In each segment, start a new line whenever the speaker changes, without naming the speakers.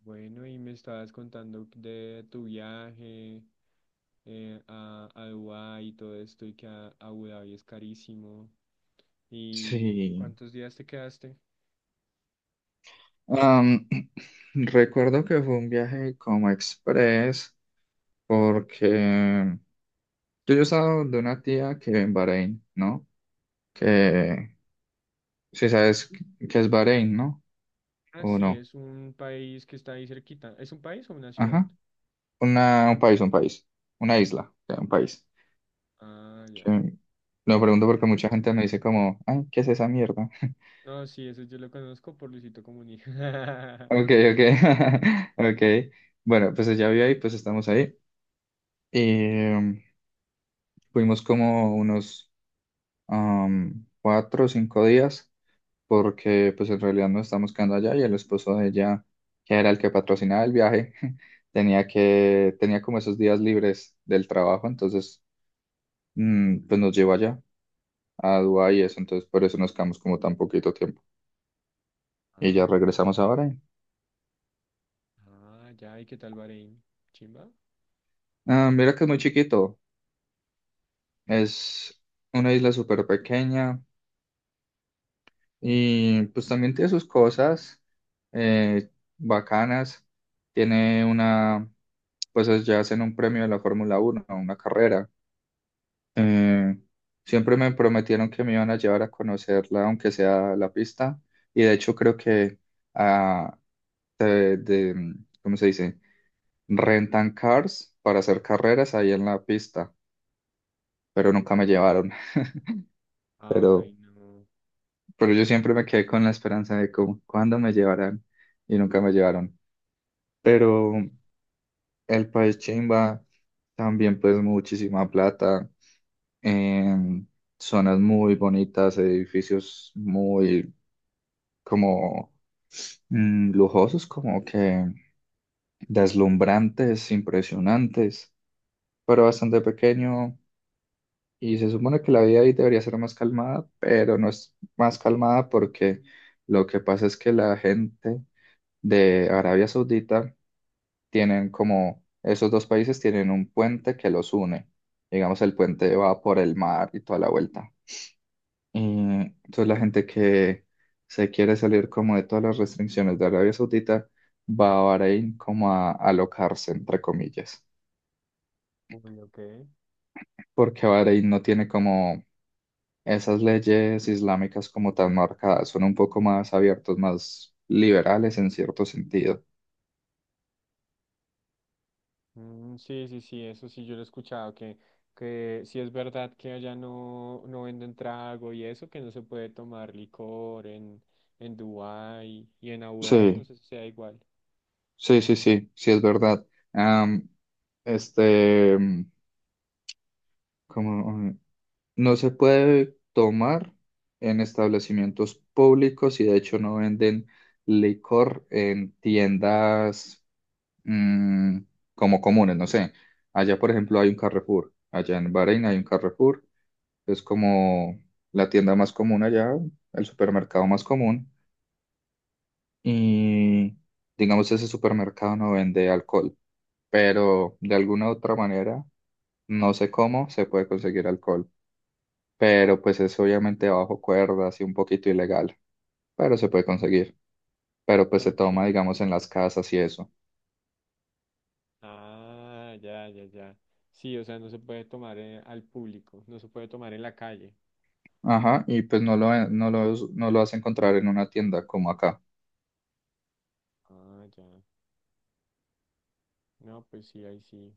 Bueno, y me estabas contando de tu viaje a Dubái y todo esto, y que a Abu Dhabi es carísimo. Y
Sí.
cuántos días te quedaste?
Am, recuerdo que fue un viaje como express porque yo estaba de una tía que en Bahrein, ¿no? Que si sabes que es Bahrein, ¿no?
Ah,
¿O
sí,
no?
es un país que está ahí cerquita. ¿Es un país o una ciudad?
Ajá. Un país, un país. Una isla, o sea, un país.
Ah, ya.
Que- lo pregunto porque mucha gente me dice como, ay, ¿qué es esa mierda?
No, sí, eso yo lo conozco por Luisito Comunica.
Ok, ok. Ok. Bueno, pues ya vi ahí, pues estamos ahí. Y mm, fuimos como unos cuatro o cinco días, porque pues en realidad no estamos quedando allá y el esposo de ella, que era el que patrocinaba el viaje, tenía como esos días libres del trabajo, entonces pues nos llevó allá a Dubái y eso, entonces por eso nos quedamos como tan poquito tiempo. Y
Ah,
ya regresamos ahora.
ah, ya, ¿y qué tal Bahrein? ¿Chimba?
Ah, mira que es muy chiquito, es una isla súper pequeña y pues también tiene sus cosas eh, bacanas, tiene una... pues ya hacen un premio de la Fórmula 1, una carrera. Eh, siempre me prometieron que me iban a llevar a conocerla, aunque sea la pista, y de hecho creo que ah, de, de- ¿cómo se dice? Rentan cars para hacer carreras ahí en la pista, pero nunca me llevaron.
Ay,
Pero,
no.
pero yo siempre me quedé con la esperanza de cómo, cuándo me llevarán y nunca me llevaron. Pero el país chimba, también pues muchísima plata. En zonas muy bonitas, edificios muy como lujosos, como que deslumbrantes, impresionantes, pero bastante pequeño. Y se supone que la vida ahí debería ser más calmada, pero no es más calmada porque lo que pasa es que la gente de Arabia Saudita tienen como, esos dos países tienen un puente que los une. Digamos, el puente va por el mar y toda la vuelta. Y entonces la gente que se quiere salir como de todas las restricciones de Arabia Saudita va a Bahrein como a alocarse, entre comillas,
Uy, ok.
porque Bahrein no tiene como esas leyes islámicas como tan marcadas, son un poco más abiertos, más liberales en cierto sentido.
Mm, sí, sí, sí, eso sí, yo lo he escuchado, que sí es verdad que allá no, no venden trago y eso, que no se puede tomar licor en Dubái y en Abu Dhabi, no
Sí,
sé si sea igual.
sí, sí, sí, sí es verdad. Am, este, como, No se puede tomar en establecimientos públicos y de hecho no venden licor en tiendas mm, como comunes, no sé. Allá, por ejemplo, hay un Carrefour. Allá en Bahrein hay un Carrefour. Es como la tienda más común allá, el supermercado más común. Y digamos, ese supermercado no vende alcohol, pero de alguna otra manera, no sé cómo, se puede conseguir alcohol. Pero pues es obviamente bajo cuerdas y un poquito ilegal, pero se puede conseguir. Pero pues se
Ok.
toma, digamos, en las casas y eso.
Ah, ya, ya, ya. Sí, o sea, no se puede tomar al público, no se puede tomar en la calle.
Ajá, y pues no lo vas a encontrar en una tienda como acá.
Ah, ya. No, pues sí, ahí sí,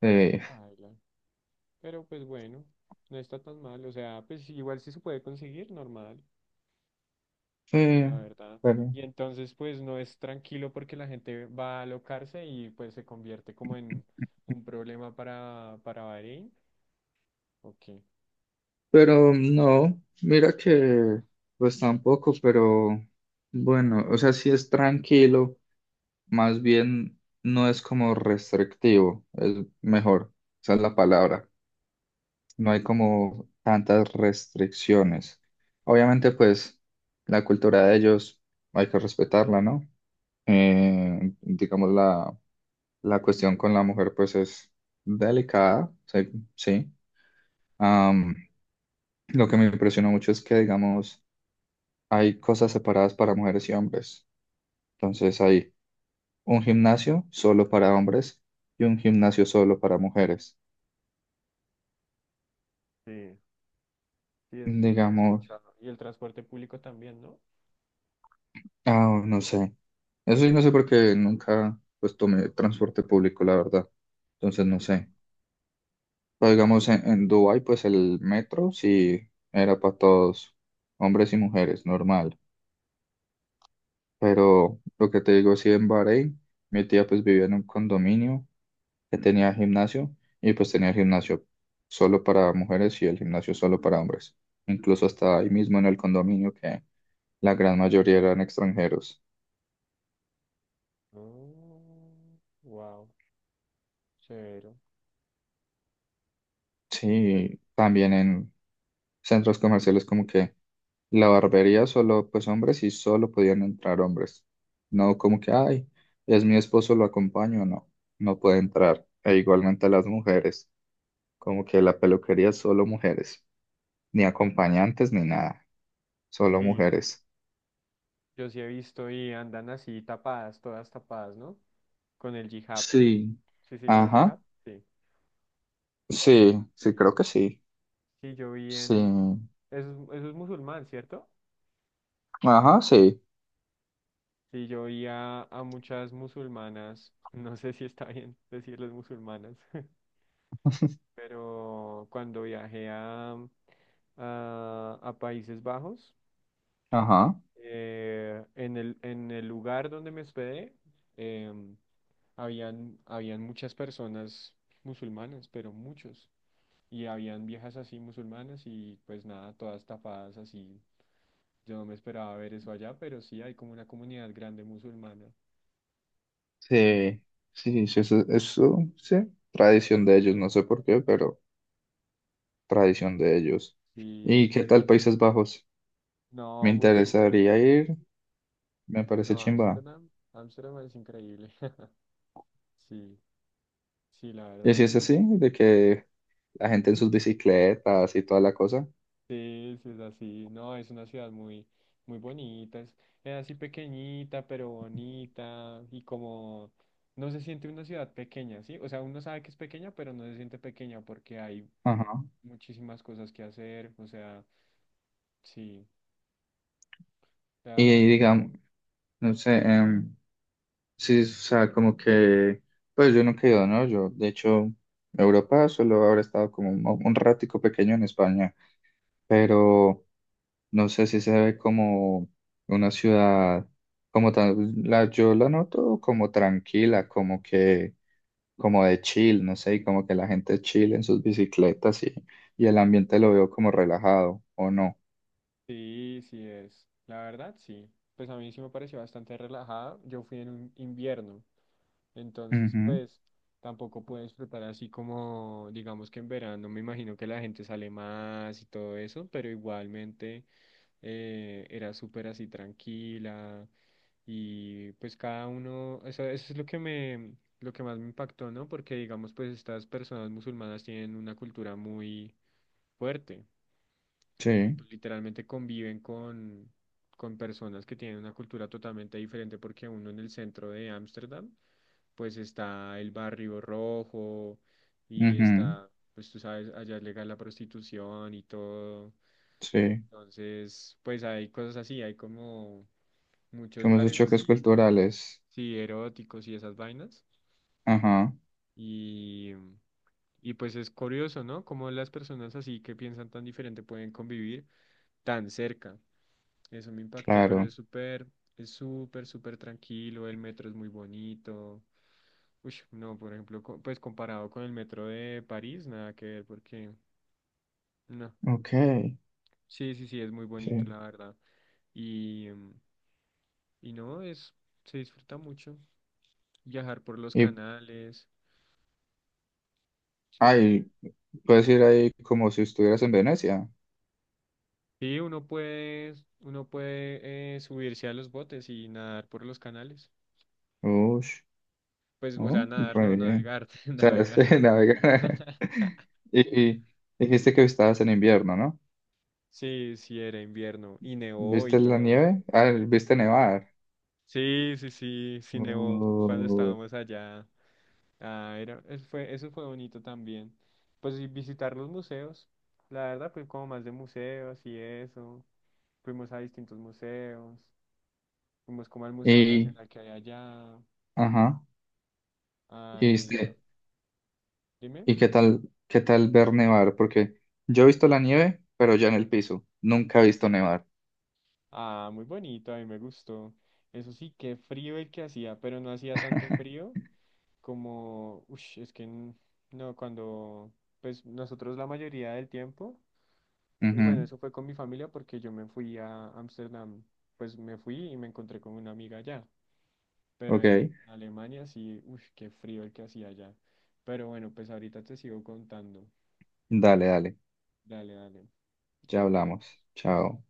ahí sí
Eh,
baila. Pero pues bueno, no está tan mal, o sea, pues igual sí se puede conseguir, normal. La
eh,
verdad.
pero,
Y entonces pues no es tranquilo porque la gente va a alocarse y pues se convierte como en un problema para Bahrein. Ok.
pero no, mira que pues tampoco, pero bueno, o sea, sí es tranquilo, más bien no es como restrictivo, es mejor, esa es la palabra. No hay como tantas restricciones. Obviamente, pues la cultura de ellos hay que respetarla, ¿no? Digamos, la cuestión con la mujer, pues es delicada, sí. Sí. Am, lo que me impresionó mucho es que, digamos, hay cosas separadas para mujeres y hombres. Entonces, hay un gimnasio solo para hombres y un gimnasio solo para mujeres.
Sí. Sí, eso sí lo había
Digamos,
escuchado. Y el transporte público también, ¿no?
no sé. Eso sí, no sé por qué nunca pues tomé transporte público, la verdad. Entonces, no
Ajá.
sé. Pero digamos, en Dubái, pues el metro sí era para todos, hombres y mujeres, normal. Pero lo que te digo, sí, en Bahrein, mi tía pues vivía en un condominio que tenía gimnasio y pues tenía el gimnasio solo para mujeres y el gimnasio solo para hombres. Incluso hasta ahí mismo en el condominio que la gran mayoría eran extranjeros.
Wow, severo.
Sí, también en centros comerciales como que la barbería solo, pues hombres y solo podían entrar hombres. No como que, ay, es mi esposo, lo acompaño, no, no puede entrar. E igualmente las mujeres, como que la peluquería solo mujeres, ni acompañantes ni nada, solo
Sí,
mujeres.
yo sí he visto y andan así tapadas, todas tapadas, ¿no? Con el hijab.
Sí.
¿Sí se llama hijab?
Ajá,
Sí.
sí, sí,
Sí.
creo que sí.
Sí, yo vi
Sí,
en... eso es musulmán, ¿cierto?
ajá, sí,
Sí, yo vi a, muchas musulmanas, no sé si está bien decirles musulmanas, pero cuando viajé a Países Bajos,
ajá,
en el lugar donde me hospedé, em, habían muchas personas musulmanas, pero muchos, y habían viejas así musulmanas y pues nada, todas tapadas así. Yo no me esperaba ver eso allá, pero sí hay como una comunidad grande musulmana. Mm.
sí, sí, sí, eso, sí, tradición de ellos, no sé por qué, pero tradición de ellos.
Sí.
¿Y qué tal
Ve-
Países Bajos? Me
No, muy chimba.
interesaría ir, me parece
No,
chimba.
Ámsterdam. Ámsterdam es increíble. Sí, sí, la
Y si
verdad.
es así, de que la gente en sus bicicletas y toda la cosa.
Sí, sí, es así. No, es una ciudad muy, muy bonita. Es así pequeñita, pero bonita. Y como no se siente una ciudad pequeña, ¿sí? O sea, uno sabe que es pequeña, pero no se siente pequeña porque hay
Ajá.
muchísimas cosas que hacer. O sea, sí.
Y
am,
digamos, no sé, sí, o sea, como que, pues yo nunca he ido, ¿no? Yo, de hecho, a Europa solo habré estado como un ratico pequeño en España, pero no sé si se ve como una ciudad, como tal, la, yo la noto como tranquila, como que como de chill, no sé, y como que la gente chill en sus bicicletas y el ambiente lo veo como relajado, ¿o no?
sí, sí es. La verdad, sí. Pues a mí sí me pareció bastante relajada. Yo fui en un invierno. Entonces,
Ujú,
pues tampoco puedo disfrutar así como, digamos que en verano me imagino que la gente sale más y todo eso, pero igualmente era súper así tranquila y pues cada uno, eso es lo que me, lo que más me impactó, ¿no? Porque digamos pues estas personas musulmanas tienen una cultura muy fuerte y
sí,
pues literalmente conviven con personas que tienen una cultura totalmente diferente porque uno en el centro de Ámsterdam pues está el Barrio Rojo y
ujú,
está, pues tú sabes, allá es legal la prostitución y todo.
sí,
Entonces, pues hay cosas así, hay como muchos
como esos
bares
choques
así,
culturales,
sí, eróticos y esas vainas.
ajá,
Y, y pues es curioso, ¿no? Cómo las personas así que piensan tan diferente pueden convivir tan cerca. Eso me impactó, pero
claro,
es súper, súper tranquilo, el metro es muy bonito. Uy, no, por ejemplo, co- pues comparado con el metro de París, nada que ver, porque no.
ok,
Sí, sí, sí, es muy bonito,
sí.
la verdad. Y, mm, y no, es, se disfruta mucho viajar por los
Y,
canales. Sí.
ay, puedes ir ahí como si estuvieras en Venecia.
Sí, uno puede subirse a los botes y nadar por los canales.
Ush,
Pues, o sea,
oh,
nadar, no,
re bien.
navegar,
O sea,
navegar.
se navega. Y, y dijiste que estabas en invierno, ¿no?
Sí, sí, era invierno y nevó y
¿Viste la
todo.
nieve? Ah, ¿viste
Sí,
nevar?
sí, sí, sí, sí, nevó cuando
Uy,
estábamos allá. Ah, era, eso fue bonito también. Pues y visitar los museos. La verdad, pues como más de museos y eso. Fuimos a distintos museos. Fuimos como al Museo
y,
Nacional que hay allá.
ajá, y
Al, ah,
este,
dime.
¿y qué tal ver nevar? Porque yo he visto la nieve, pero ya en el piso. Nunca he visto nevar.
Ah, muy bonito, a mí me gustó. Eso sí, qué frío el que hacía, pero no hacía tanto frío como, uff, es que n- no, cuando, pues nosotros la mayoría del tiempo. Pues bueno,
Ujú,
eso fue con mi familia porque yo me fui a Ámsterdam, pues me fui y me encontré con una amiga allá, pero en
ok,
Alemania sí, uff, qué frío el que hacía allá. Pero bueno, pues ahorita te sigo contando.
dale, dale.
Dale, dale,
Ya
ya
hablamos.
hablamos.
Chao.